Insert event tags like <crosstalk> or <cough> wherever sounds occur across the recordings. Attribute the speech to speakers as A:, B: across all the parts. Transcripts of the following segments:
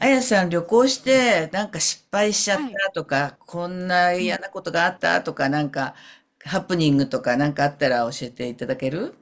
A: あやさん、旅行してなんか失敗しちゃっ
B: はい。
A: たとか、こんな
B: う
A: 嫌
B: ん。
A: なことがあったとか、なんかハプニングとかなんかあったら教えていただける？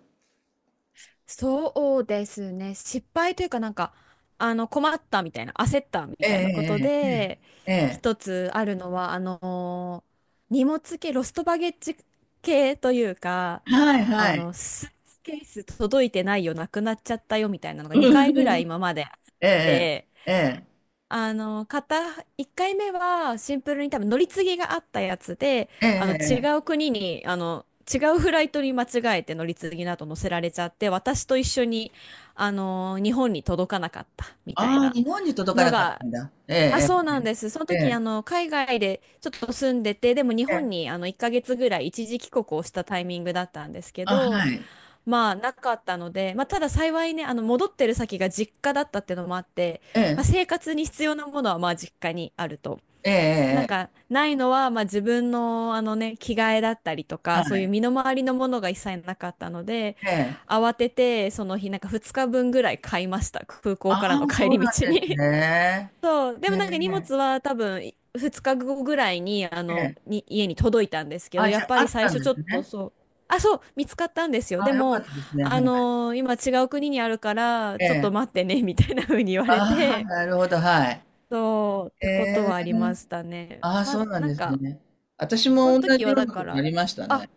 B: そうですね。失敗というかなんか、困ったみたいな、焦ったみ
A: え
B: たいなこと
A: え、
B: で、
A: ええ、え
B: 一つあるのは、荷物系、ロストバゲッジ系というか、
A: え、はいはい。
B: スーツケース届いてないよ、なくなっちゃったよみたいなのが
A: う
B: 2回ぐらい
A: ん。
B: 今まであっ
A: ええ、
B: て、
A: ええ、
B: あの、片、1回目はシンプルに多分乗り継ぎがあったやつで、
A: ええ、
B: 違
A: え
B: う
A: え。
B: 国に、違うフライトに間違えて乗り継ぎなど乗せられちゃって、私と一緒に、日本に届かなかったみたい
A: ああ、
B: な
A: 日本に届か
B: の
A: なかった
B: が、
A: んだ。え
B: あ、そう
A: え、
B: なんです。その
A: え
B: 時、
A: え、
B: 海外でちょっと住んでて、でも日
A: え
B: 本
A: え。
B: に、1ヶ月ぐらい一時帰国をしたタイミングだったんですけ
A: あ、は
B: ど、
A: い。
B: まあなかったので、まあ、ただ幸いね、戻ってる先が実家だったっていうのもあって、
A: え
B: まあ、
A: え、
B: 生活に必要なものはまあ実家にあると。
A: ええ、
B: なん
A: ええ、
B: かないのはまあ自分のね、着替えだったりと
A: は
B: か、そういう
A: い。
B: 身の回りのものが一切なかったので、
A: ええ。
B: 慌ててその日なんか2日分ぐらい買いました。空
A: あ
B: 港からの
A: あ、
B: 帰
A: そう
B: り
A: なん
B: 道
A: です
B: に。
A: ね。
B: そう、で
A: え
B: もなんか荷
A: え、
B: 物は多分2日後ぐらいに、
A: ええ。
B: 家に届いたんですけど、
A: あ、
B: や
A: じゃ
B: っ
A: あ、
B: ぱ
A: あ
B: り
A: っ
B: 最
A: たん
B: 初
A: で
B: ちょ
A: す
B: っと
A: ね。
B: そう、あ、そう、見つかったんですよ。で
A: あ、よか
B: も、
A: ったですね。はい。
B: 今違う国にあるから、
A: え
B: ちょっ
A: え。
B: と待ってね、みたいな風に言われ
A: ああ、
B: て、
A: なるほど、はい。
B: そう、ってこと
A: え
B: はありまし
A: え。
B: たね。
A: ああ、
B: ま
A: そ
B: あ、
A: うなん
B: なん
A: です
B: か、
A: ね。私
B: その
A: も同
B: 時
A: じ
B: は
A: よう
B: だ
A: なこ
B: か
A: とあ
B: ら、
A: りました
B: あ、
A: ね。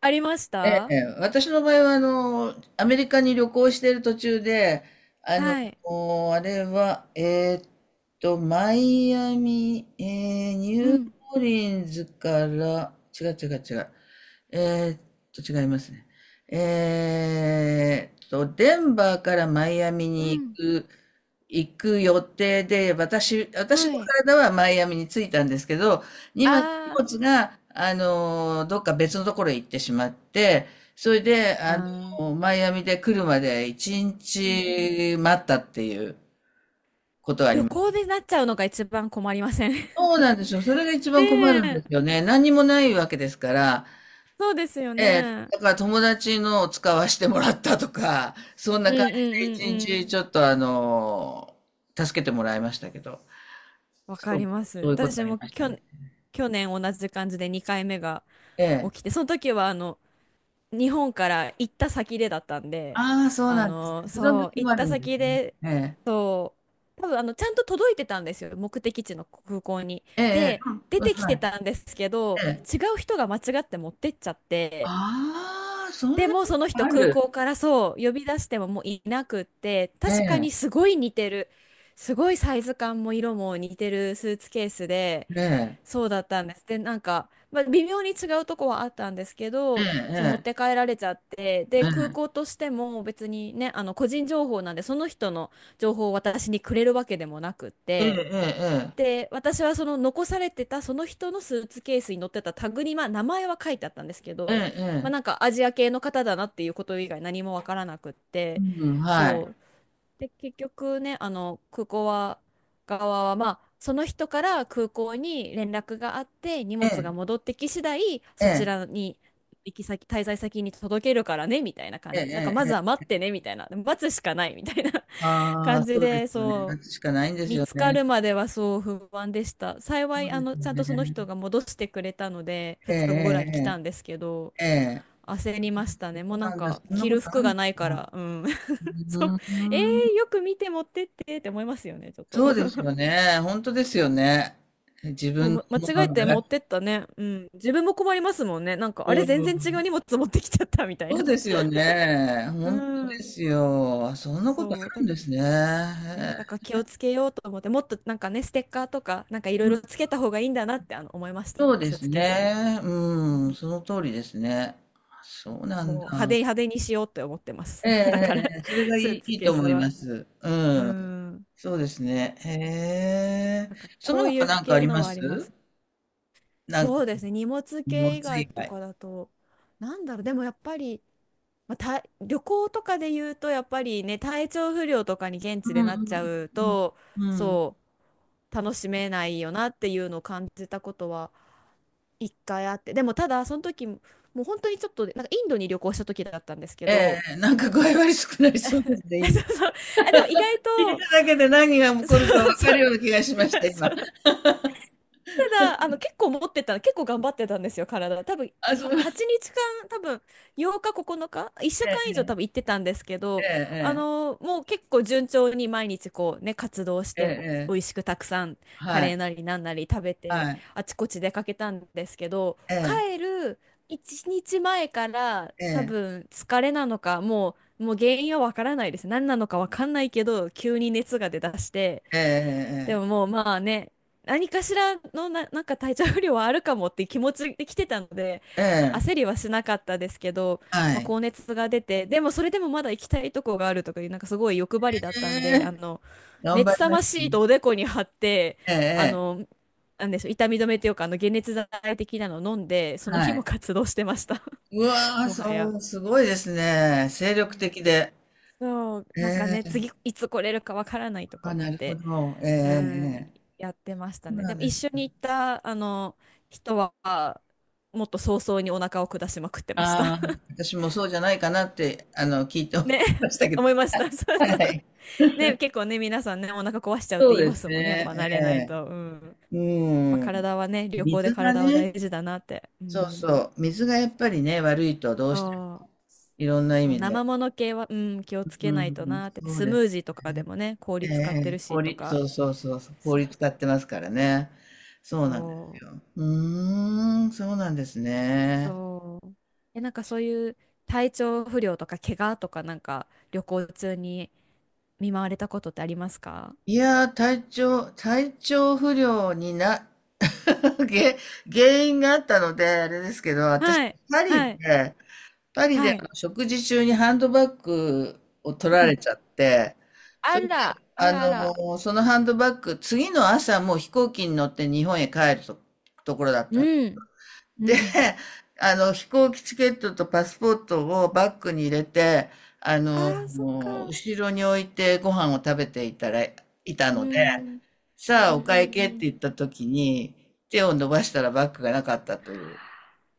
B: ありまし
A: え
B: た。
A: え、私の場合は、アメリカに旅行している途中で、あの、
B: はい。
A: あれは、えーっと、マイアミ、えーニ
B: う
A: ュー
B: ん、
A: オーリンズから、違う違う違う、えーっと、違いますね。えーっと、デンバーからマイアミ
B: う
A: に
B: ん、
A: 行く予定で、私の
B: はい。
A: 体はマイアミに着いたんですけど、今、荷
B: あ
A: 物が、どっか別のところへ行ってしまって、それで、
B: ー、
A: あ
B: あ
A: の、
B: ー、
A: マイアミで来るまで一
B: うんうん。
A: 日待ったっていう。
B: 旅行でなっちゃうのが一番困りません？ <laughs>
A: そうなんですよ。それが一
B: ね
A: 番困るんですよ
B: え。
A: ね。何にもないわけですから、
B: そうですよ
A: ええ、
B: ね。
A: だから友達のを使わせてもらったとか、そん
B: う
A: な
B: んう
A: 感じ
B: んう
A: で一
B: んうん。
A: 日ちょっと助けてもらいましたけど、
B: わか
A: そ
B: り
A: う、
B: ま
A: そう
B: す。
A: いうことあ
B: 私
A: り
B: も
A: ましたね。
B: 去年同じ感じで2回目が
A: ええ。
B: 起きて、その時は日本から行った先でだったんで、
A: ああ、そうなんです。その
B: そう、
A: 時も
B: 行っ
A: ある
B: た
A: んです
B: 先
A: ね。
B: で、
A: ええ。
B: そう、多分ちゃんと届いてたんですよ、目的地の空港に。
A: ええ、ええ。
B: で、
A: うん、
B: 出
A: うん、
B: てき
A: は
B: て
A: い。
B: たんですけど、
A: ええ。
B: 違う人が間違って持ってっちゃって、
A: ああ、そんな
B: でも
A: こ
B: その
A: とが
B: 人
A: あ
B: 空
A: る。
B: 港からそう呼び出してももういなくって、
A: え
B: 確か
A: え、
B: にすごい似てる、すごいサイズ感も色も似てるスーツケースで、
A: ええ、
B: そうだったんです。でなんか、まあ、微妙に違うとこはあったんですけ
A: ええ、
B: ど、そう持っ
A: ええ、
B: て帰られちゃって、で
A: ええ、
B: 空港としても別にね、個人情報なんでその人の情報を私にくれるわけでもなくっ
A: ええ、
B: て、
A: ええ、
B: で、私はその残されてたその人のスーツケースに載ってたタグに、まあ、名前は書いてあったんですけ
A: ええ、
B: ど、
A: ええ、
B: まあ、
A: え
B: なん
A: え、
B: かアジア系の方だなっていうこと以外何もわからなくって、
A: うん、はい。
B: そう。で、結局ね、空港は、側は、まあ、その人から空港に連絡があって、荷
A: え
B: 物が
A: え、
B: 戻ってき次第、
A: え
B: そち
A: え、
B: らに、行き先、滞在先に届けるからね、みたいな感
A: ええ、え
B: じで。
A: え、え
B: なんか、
A: え、
B: ま
A: ええ、ええ、ええ、うん、はい、ええ、ええ、ええ、え
B: ず
A: え、
B: は
A: ええ。
B: 待ってね、みたいな。待つしかない、みたいな <laughs>
A: あ
B: 感
A: あ、
B: じ
A: そうで
B: で、
A: すよね。
B: そ
A: 夏
B: う。
A: しかないんです
B: 見
A: よ
B: つか
A: ね。
B: るまではそう不安でした。幸
A: そ
B: い、
A: うですよ
B: ちゃんと
A: ね。
B: その人が戻してくれたので、
A: え
B: 2日後ぐらいに来た
A: え、
B: んですけど、
A: ええ、ええ。ええ。
B: 焦りましたね。も
A: そう
B: うな
A: な
B: ん
A: んだ、そ
B: か、
A: んな
B: 着
A: こ
B: る
A: とあ
B: 服
A: るん
B: が
A: だ。
B: ないから、うん。
A: う
B: <laughs> そう。
A: ー
B: えよ
A: ん。
B: く見て持ってってって思いますよね、ちょっと。
A: そうですよ
B: <laughs>
A: ね。本当ですよね。自
B: もう、
A: 分のも
B: 間違
A: の
B: え
A: なん
B: て
A: だか
B: 持って
A: ら。
B: ったね。うん。自分も困りますもんね。なんか、
A: う
B: あれ、全然違う
A: ん。
B: 荷物持ってきちゃったみたい
A: そ
B: な。
A: うですよね。
B: う
A: 本当で
B: ん。
A: すよ。そんなことあ
B: そう。
A: るんですね。へえ。
B: ね、だから気をつけようと思って、もっとなんかね、ステッカーとか、なんかいろい
A: うん、
B: ろつけた方がいいんだなって、思いまし
A: そう
B: た。
A: で
B: スー
A: す
B: ツケースに。
A: ね。うん、その通りですね。あ、そうな
B: も
A: ん
B: う派手
A: だ。
B: 派手にしようって思ってます。
A: ええ、え
B: <laughs> だから、
A: え、ええ、それがい
B: スー
A: い
B: ツ
A: いい
B: ケー
A: と
B: ス
A: 思いま
B: は。
A: す。
B: う
A: うん。
B: ん。
A: そうですね。
B: そう。
A: へえ。
B: なんか、
A: そ
B: こ
A: の
B: うい
A: 他
B: う
A: なんかあ
B: 系
A: り
B: の
A: ま
B: はありま
A: す？
B: す。
A: なん
B: そ
A: か、
B: うですね。荷物
A: 荷物
B: 系以外
A: 以
B: と
A: 外。
B: かだと、なんだろう、でもやっぱり、まあ、旅行とかで言うと、やっぱりね、体調不良とかに現
A: う
B: 地で
A: ん、う
B: なっちゃ
A: ん、
B: う
A: うん、
B: と、
A: うん。うん。
B: そう、楽しめないよなっていうのを感じたことは一回あって。でも、ただ、その時、もう本当にちょっと、なんかインドに旅行した時だったんですけ
A: え
B: ど、
A: え、なんか具合悪少なり
B: <laughs> そ
A: そうですね、イ
B: う
A: ンド。
B: そう。あ、でも意外
A: 聞い
B: と
A: ただけで何が
B: <laughs>
A: 起
B: そう
A: こるかわか
B: そ
A: る
B: う。
A: ような気がしました、今。
B: そう。ただ、結構持ってた、結構頑張ってたんですよ、体。多分、
A: あ、そう。
B: 8日間、多分、8日、9日、1週間以上多
A: ええ、
B: 分行ってたんですけど、
A: ええ、
B: もう結構順調に毎日こうね、活動し
A: ええ、え
B: て、
A: え、え
B: 美
A: え。
B: 味しくたくさん、カ
A: は
B: レ
A: い、
B: ーなりなんなり食べて、
A: はい。
B: あちこち出かけたんですけど、
A: ええ、
B: 帰る1日前から、多
A: ええ、
B: 分、疲れなのか、もう原因はわからないです。何なのかわかんないけど、急に熱が出だして、
A: ええ、え
B: で
A: え、え
B: も
A: え。
B: もうまあね、何かしらのなんか体調不良はあるかもっていう気持ちで来てたので、
A: え
B: 焦
A: え、
B: りはしなかったですけど、ま
A: は
B: あ、
A: い。
B: 高熱が出て、でもそれでもまだ行きたいとこがあるとかいう、なんかすごい欲張りだっ
A: え
B: たんで、
A: え、頑張
B: 熱
A: り
B: さ
A: ま
B: ま
A: した
B: シー
A: ね。
B: トをおでこに貼って、あ
A: ええ、え
B: の、なんでしょう、痛み止めっていうか、解熱剤的なのを飲んで、そ
A: え、
B: の日
A: は
B: も
A: い。
B: 活動してました、
A: う
B: <laughs>
A: わ、
B: もは
A: そ
B: や。
A: う、すごいですね。精力的で。
B: そう、
A: え
B: なんかね、
A: え、
B: 次いつ来れるかわからないとか
A: あ、
B: 思っ
A: なるほ
B: て。
A: ど。ええ、え
B: う
A: え、
B: ん、
A: ええ。
B: やってました
A: そう
B: ね。
A: な
B: で
A: ん
B: も
A: で
B: 一
A: す。
B: 緒に行ったあの人はもっと早々にお腹を下しまくってました。
A: ああ、私もそうじゃないかなって、聞いて
B: <laughs>
A: 思い
B: ね、
A: ましたけど。
B: 思いました。<laughs> そう
A: は
B: そう。
A: い。
B: ね、結構ね、皆さんね、お腹壊しちゃうっ
A: そ
B: て
A: う
B: 言い
A: で
B: ま
A: す
B: すもんね。やっぱ
A: ね、
B: 慣れないと。うん。やっ
A: ええ。
B: ぱ
A: うん。
B: 体はね、旅行で
A: 水が
B: 体は
A: ね、
B: 大事だなって。う
A: そう
B: ん。
A: そう、水がやっぱりね、悪いとどうして
B: そ
A: も、
B: う。
A: いろんな意
B: そう、
A: 味で。
B: 生もの系は、うん、気をつ
A: う
B: け
A: ん、う
B: ないと
A: ん、
B: なって。
A: そう
B: スム
A: で
B: ー
A: す。
B: ジーとかでもね、
A: え
B: 氷使ってる
A: え、
B: しと
A: 氷、
B: か。
A: そうそうそうそう、
B: そ
A: 氷使ってますからね。そうなんで
B: う。
A: すよ。うーん、そうなんですね。
B: そう。え、なんかそういう体調不良とか怪我とかなんか旅行中に見舞われたことってありますか？
A: いやー、体調不良に<laughs> げ原因があったので、あれですけど、私、
B: はい、
A: パリ
B: はい、
A: でパリで
B: はい。
A: 食事中にハンドバッグを取ら
B: う
A: れ
B: ん。
A: ちゃって、
B: あ
A: それで、
B: ら、あらあら。
A: そのハンドバッグ、次の朝もう飛行機に乗って日本へ帰ると、ところだったの。
B: うん。う
A: で、
B: ん。
A: 飛行機チケットとパスポートをバッグに入れて、あ
B: あ
A: の、
B: あ、そっか。
A: 後ろに置いてご飯を食べていたら、いた
B: う
A: ので、
B: ん。うんうん
A: さあお会計っ
B: う
A: て
B: ん。
A: 言った時に、手を伸ばしたらバッグがなかったという。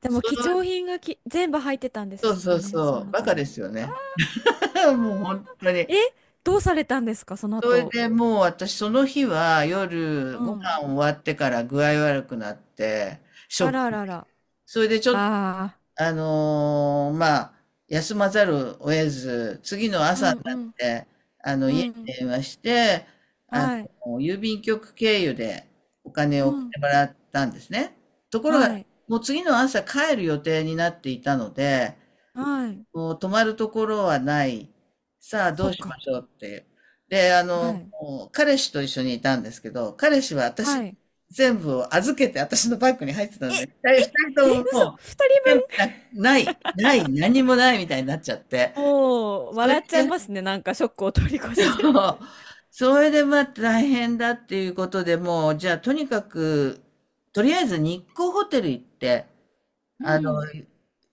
B: でも
A: そ
B: 貴重
A: う、
B: 品が全部入ってたんで
A: そう
B: す
A: そ
B: か
A: う
B: ね、そ
A: そ
B: の
A: う、バ
B: 中
A: カで
B: に。
A: すよ
B: あー。
A: ね。<laughs> もう本当に。
B: え、どうされたんですか、その
A: それ
B: 後。
A: でもう私その日は夜
B: う
A: ご飯
B: ん。
A: 終わってから具合悪くなって、シ
B: あ
A: ョッ
B: らあ
A: ク。
B: らあら。
A: それでちょっと、
B: ああ。
A: まあ、休まざるを得ず、次の
B: う
A: 朝
B: ん
A: に
B: う
A: なっ
B: ん。
A: て、
B: う
A: 家に
B: ん
A: 電話して、あの、
B: はい。
A: 郵便局経由でお金
B: う
A: を送っ
B: ん。
A: てもらったんですね。ところが、
B: はい。
A: もう次の朝帰る予定になっていたので、
B: はい。
A: もう泊まるところはない。さあ、ど
B: そっ
A: うしま
B: か。
A: しょうっていう。で、
B: はい。
A: 彼氏と一緒にいたんですけど、彼氏は
B: は
A: 私、
B: い。
A: 全部を預けて私のバッグに入ってた
B: え、
A: んで、
B: え、
A: 二
B: え、
A: 人とも
B: 嘘、
A: もう、
B: 二
A: 全
B: 人
A: 部
B: 分。
A: な、ない、ない、何もないみたいになっちゃって。
B: もう、
A: それ
B: 笑っちゃい
A: で、
B: ますね。なんかショックを通り越して。
A: それでまあ大変だっていうことでもう、じゃあとにかく、とりあえず日光ホテル行って、
B: う
A: あの、
B: ん。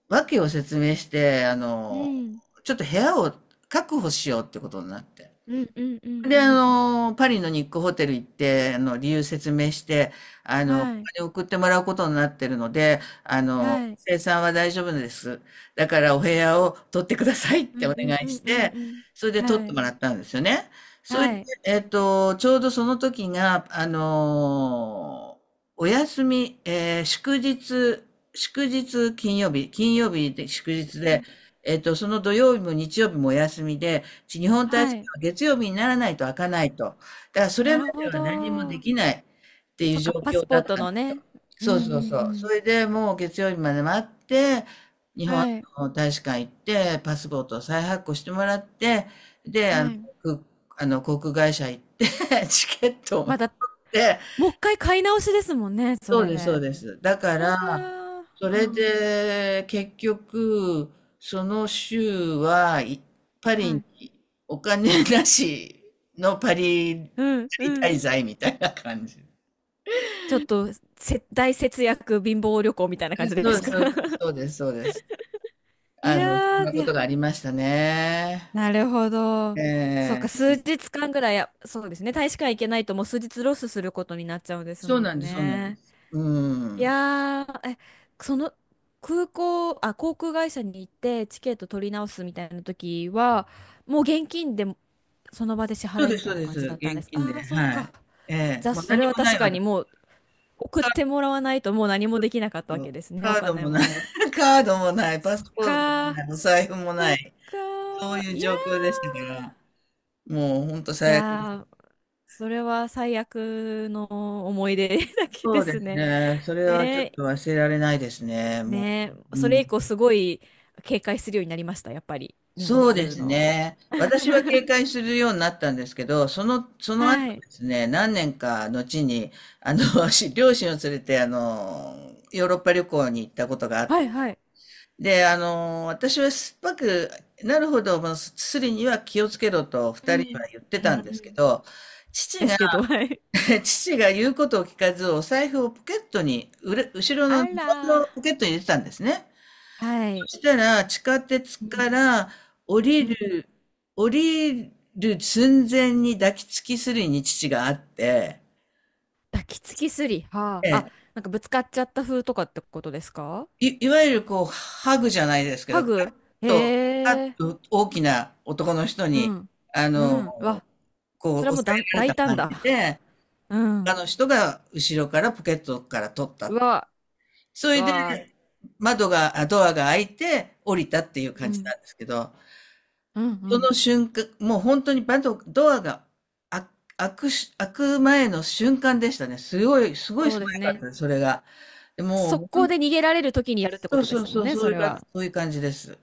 A: 訳を説明して、
B: うん。
A: ちょっと部屋を確保しようってことになって。
B: うんうんうんう
A: で、
B: ん。
A: パリのニックホテル行って、あの、理由説明して、あの、お
B: はい。
A: 金送ってもらうことになってるので、あの、
B: はい。
A: 生産は大丈夫です。だからお部屋を取ってくださいっ
B: う
A: て
B: ん
A: お
B: う
A: 願
B: んう
A: い
B: ん
A: し
B: うん
A: て、
B: うん。
A: それで取っ
B: は
A: て
B: い。
A: もらったんですよね。
B: は
A: それで、
B: い。
A: えっと、ちょうどその時が、お休み、祝日、金曜日で祝日
B: うん
A: で、えっと、その土曜日も日曜日もお休みで、日本大
B: は
A: 使
B: い。
A: 月曜日にならないと開かないと。だからそ
B: な
A: れま
B: る
A: で
B: ほ
A: は何もで
B: ど。
A: きないっていう
B: そっ
A: 状
B: か、パス
A: 況
B: ポ
A: だ
B: ー
A: っ
B: ト
A: たん
B: の
A: ですよ。
B: ね。う
A: そう
B: ん
A: そうそ
B: う
A: う。そ
B: ん
A: れでもう月曜日まで待って、日
B: うん。
A: 本
B: はい。
A: の大使館行って、パスポートを再発行してもらって、で、
B: はい。
A: あの航空会社行って、<laughs> チケットを持
B: ま
A: っ
B: だ、
A: て、
B: もう一回買い直しですもんね、そ
A: そうです、そう
B: れ。
A: です。だか
B: うわ
A: ら、
B: ー
A: そ
B: う
A: れ
B: ん
A: で結局、その週パリ
B: は
A: に
B: い。
A: お金なしパリ、パ
B: うんうん。
A: リ滞在みたいな感じ。
B: ちょっと大節約貧乏旅行みたいな感じ
A: そ
B: で
A: う
B: す
A: です、
B: か？
A: そうです、
B: <laughs>
A: そうです。そうです。
B: い
A: あの、そ
B: や
A: んな
B: ー、い
A: こと
B: や、
A: がありましたね。
B: なるほど。そう
A: え
B: か、数
A: ー、
B: 日間ぐらい、そうですね。大使館行けないともう数日ロスすることになっちゃうんです
A: そう
B: も
A: なん
B: ん
A: です、そうなんで
B: ね。
A: す。う
B: い
A: ん。
B: やー、その空港、あ、航空会社に行ってチケット取り直すみたいな時は、もう現金でその場で支
A: そう
B: 払い
A: で
B: み
A: す、
B: た
A: そ
B: い
A: う
B: な
A: で
B: 感
A: す。
B: じだったんで
A: 現
B: す。あ
A: 金で、
B: ー、そっ
A: は
B: か。
A: い。ええ、
B: じゃあ、
A: もう
B: そ
A: 何
B: れは
A: もな
B: 確
A: いわ
B: か
A: け。
B: にもう送ってもらわないともう何もできなかったわ
A: そ
B: け
A: う、
B: ですね、
A: カ
B: お
A: ード
B: 金
A: も
B: も
A: ない。
B: もう。
A: <laughs> カードもない、パ
B: そっ
A: スポートも
B: かー、
A: ない、お財布も
B: そ
A: な
B: っ
A: い、
B: か
A: そう
B: ー、
A: いう
B: いや
A: 状況でしたか
B: ー、
A: ら、もう本当
B: い
A: 最悪です。
B: やー、それは最悪の思い出 <laughs> だけ
A: そ
B: で
A: うで
B: す
A: す
B: ね。
A: ね、それはちょ
B: ね
A: っ
B: え、
A: と忘れられないですね、も
B: ねえ、
A: う。
B: そ
A: う
B: れ
A: ん。
B: 以降すごい警戒するようになりました、やっぱり、荷
A: そうで
B: 物
A: す
B: の。
A: ね。私は警
B: <laughs>
A: 戒するようになったんですけど、その
B: は
A: 後
B: い、
A: ですね、何年か後に、あの、<laughs> 両親を連れて、あの、ヨーロッパ旅行に行ったことがあっ
B: はい、はい。
A: で、あの、私は酸っぱくなるほど、まあすりには気をつけろと
B: う
A: 二人に
B: ん、
A: は言って
B: う
A: た
B: ん、
A: んで
B: う
A: すけ
B: ん。
A: ど、父
B: です
A: が、
B: けど、はい。
A: <laughs> 父が言うことを聞かず、お財布をポケットに、後ろ
B: あ
A: のズボン
B: らー、
A: のポケットに入れてたんですね。
B: はい。
A: そしたら、地下鉄
B: うん、
A: から降
B: う
A: り
B: ん。
A: る、降りる寸前に抱きつきすりに父があって、
B: 抱きつきすり。は
A: え
B: あ。あ、
A: え、
B: なんかぶつかっちゃった風とかってことですか？
A: いわゆるこう、ハグじゃないですけ
B: ハ
A: ど、
B: グ、
A: パッ
B: へえ。
A: と大きな男の人
B: う
A: に、
B: ん。
A: あ
B: う
A: の、
B: ん。うわ、
A: こ
B: それ
A: う、
B: は
A: 押
B: も
A: さ
B: う
A: えられた
B: 大胆
A: 感
B: だ。
A: じで、
B: う
A: 他
B: ん。
A: の人が後ろからポケットから取っ
B: う
A: た。
B: わ、
A: そ
B: う
A: れで、
B: わ。
A: 窓が、あドアが開いて降りたっていう
B: う
A: 感じ
B: ん。
A: なんですけど、
B: うんう
A: そ
B: ん。
A: の瞬間、もう本当にドアが開開くし、開く前の瞬間でしたね。すごい、すごい
B: そう
A: 素
B: です
A: 早かっ
B: ね。
A: たです、それが。で
B: 速
A: もう、
B: 攻で逃げられる時にやるってこ
A: そう
B: とで
A: そ
B: す
A: う
B: も
A: そ
B: ん
A: う、
B: ね、
A: そ
B: そ
A: うい
B: れ
A: うか、
B: は。
A: そういう感じです。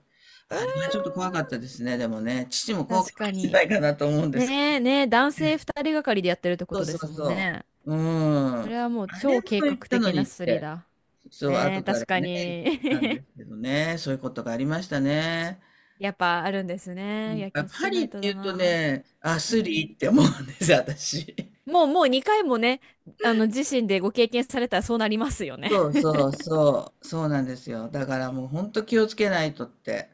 B: うーん、
A: あれはちょっと怖かったですね、でもね。父も怖かっ
B: 確か
A: たんじゃな
B: に。
A: いかなと思うんですけど。
B: ねえ、ねえ、男性二人がかりでやってるってこ
A: そう
B: とで
A: そ
B: す
A: う
B: もん
A: そ
B: ね。
A: う。うん。
B: それはもう
A: あれ
B: 超
A: も
B: 計
A: と言
B: 画
A: ったの
B: 的な
A: にっ
B: スリ
A: て、
B: だ。
A: そう、
B: ねえ、
A: 後から
B: 確か
A: ね、言っ
B: に。
A: てたんです
B: <laughs>
A: けどね。そういうことがありましたね。
B: やっぱあるんですね。いや、気
A: あ、
B: をつ
A: パ
B: けな
A: リっ
B: い
A: て
B: と
A: 言
B: だ
A: うと
B: な。
A: ね、あ、
B: う
A: スリー
B: ん。
A: って思うんです、私。
B: もう、もう2回もね、あの、自身でご経験されたらそうなりますよね。
A: そうそうそう、そうなんですよ。だからもう本当気をつけないとって。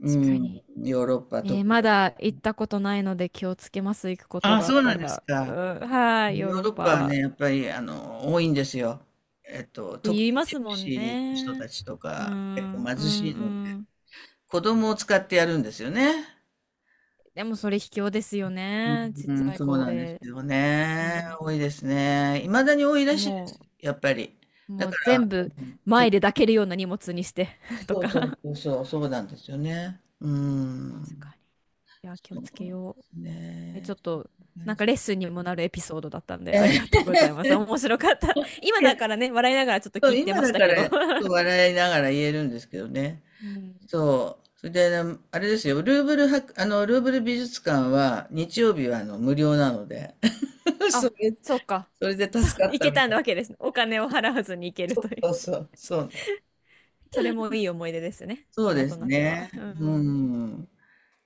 A: う
B: 確か
A: ん、
B: に。
A: ヨーロッパ
B: え
A: 特
B: ーま
A: に。
B: だ行ったことないので気をつけます。行くこと
A: あ、
B: があ
A: そ
B: っ
A: うな
B: た
A: んです
B: ら。う
A: か。
B: ん、はい、ヨー
A: ヨー
B: ロッ
A: ロッパは
B: パ。
A: ね、やっぱりあの多いんですよ。えっと、特
B: 言い
A: に
B: ま
A: ジ
B: す
A: プ
B: も
A: シ
B: ん
A: ーの人
B: ね。
A: たちと
B: うん、う
A: か、結構
B: ん、
A: 貧
B: う
A: しいので、
B: ん。
A: 子供を使ってやるんですよね。
B: でもそれ卑怯ですよね。ちっ
A: う
B: ち
A: ん、
B: ゃい
A: そう
B: 子
A: なんです
B: で。
A: よ
B: う
A: ね。
B: ん。
A: 多いですね。いまだに多いらしいで
B: も
A: す、やっぱり。
B: う、も
A: だか
B: う全
A: ら、
B: 部
A: うん、
B: 前で抱けるような荷物にして <laughs> と
A: そう
B: か。
A: そう
B: 確
A: そうそう、そうなんですよね。う
B: か
A: ん。
B: に。いや、気を
A: そう
B: つけ
A: で
B: よう。
A: す
B: え、ちょ
A: ね。
B: っと、なんかレッスンにもなるエピソードだったんで、
A: え
B: あり
A: ー、
B: が
A: いや、
B: とうございます。面白かった。<laughs> 今だ
A: <laughs>
B: からね、笑いながらちょっと
A: そ
B: 聞
A: う
B: いて
A: 今
B: まし
A: だ
B: た
A: か
B: けど。
A: ら笑いながら言えるんですけどね。
B: うん。
A: そう。それで、あれですよ、ルーブル美術館は日曜日はあの無料なので、<laughs> そ
B: あ、
A: れ、
B: そうか。
A: それで
B: そう、
A: 助かっ
B: い
A: た
B: け
A: み
B: た
A: たいな。
B: わけですね。お金を払わずに行ける
A: そ
B: とい
A: うそう
B: う。
A: そう、そう。
B: それもいい思い出ですね。
A: そう
B: 今
A: で
B: と
A: す
B: なって
A: ね。
B: は。う
A: う
B: ん。
A: ん。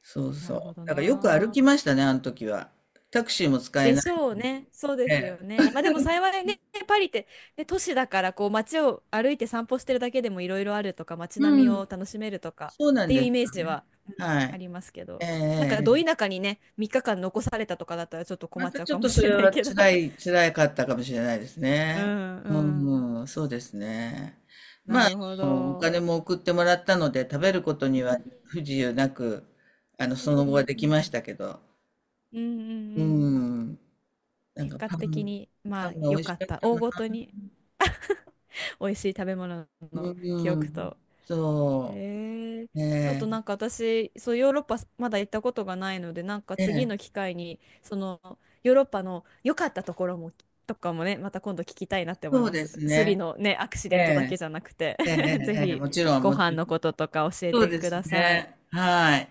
A: そう
B: な
A: そ
B: る
A: う。
B: ほど
A: だからよく
B: な。
A: 歩きましたね、あの時は。タクシーも使え
B: で
A: ない
B: しょうね。そうですよね。
A: で。
B: まあでも幸いね、パリって、ね、都市だからこう街を歩いて散歩してるだけでもいろいろあるとか、街並み
A: う
B: を
A: ん。
B: 楽しめるとか
A: そう
B: っ
A: なん
B: ていう
A: で
B: イ
A: す。
B: メージは
A: は
B: あ
A: い。
B: りますけ
A: え
B: ど。なんか、ど
A: え、
B: 田舎にね、3日間残されたとかだったらちょっと困
A: ま
B: っち
A: た
B: ゃう
A: ちょ
B: か
A: っ
B: も
A: とそ
B: しれ
A: れ
B: ない
A: は
B: けど。<laughs>
A: 辛かったかもしれないです
B: う
A: ね。
B: ん
A: う
B: うん。
A: ん、うん、そうですね。
B: な
A: まあ、
B: るほ
A: あのお
B: ど。
A: 金も送ってもらったので、食べること
B: う
A: には
B: んう
A: 不自由なく、あの、
B: ん
A: その
B: う
A: 後は
B: ん
A: で
B: う
A: きまし
B: ん
A: たけど。
B: うんうんうんう
A: う
B: ん。
A: ん。なん
B: 結
A: か
B: 果
A: パ
B: 的
A: ン、
B: に
A: パ
B: まあ
A: ンが美
B: 良
A: 味し
B: かっ
A: かっ
B: た、
A: た
B: 大
A: な。
B: ごとに。美味しい食べ物
A: う
B: の記憶
A: ん。
B: と、
A: そ
B: えー、
A: う。
B: ちょっとな
A: ね
B: んか私、そうヨーロッパまだ行ったことがないので、なんか
A: え。え
B: 次の
A: え。
B: 機会に、そのヨーロッパの良かったところも、とかもね、また今度聞きたいなって思い
A: そう
B: ま
A: で
B: す。
A: す
B: スリ
A: ね。
B: のね、アクシ
A: え
B: デントだけ
A: え。
B: じゃなくて
A: ええ、え
B: <laughs> ぜ
A: え、ええ、
B: ひ
A: もちろん、
B: ご
A: もち
B: 飯
A: ろ
B: の
A: ん。
B: こととか教え
A: そう
B: て
A: で
B: く
A: す
B: ださい。
A: ね。はい。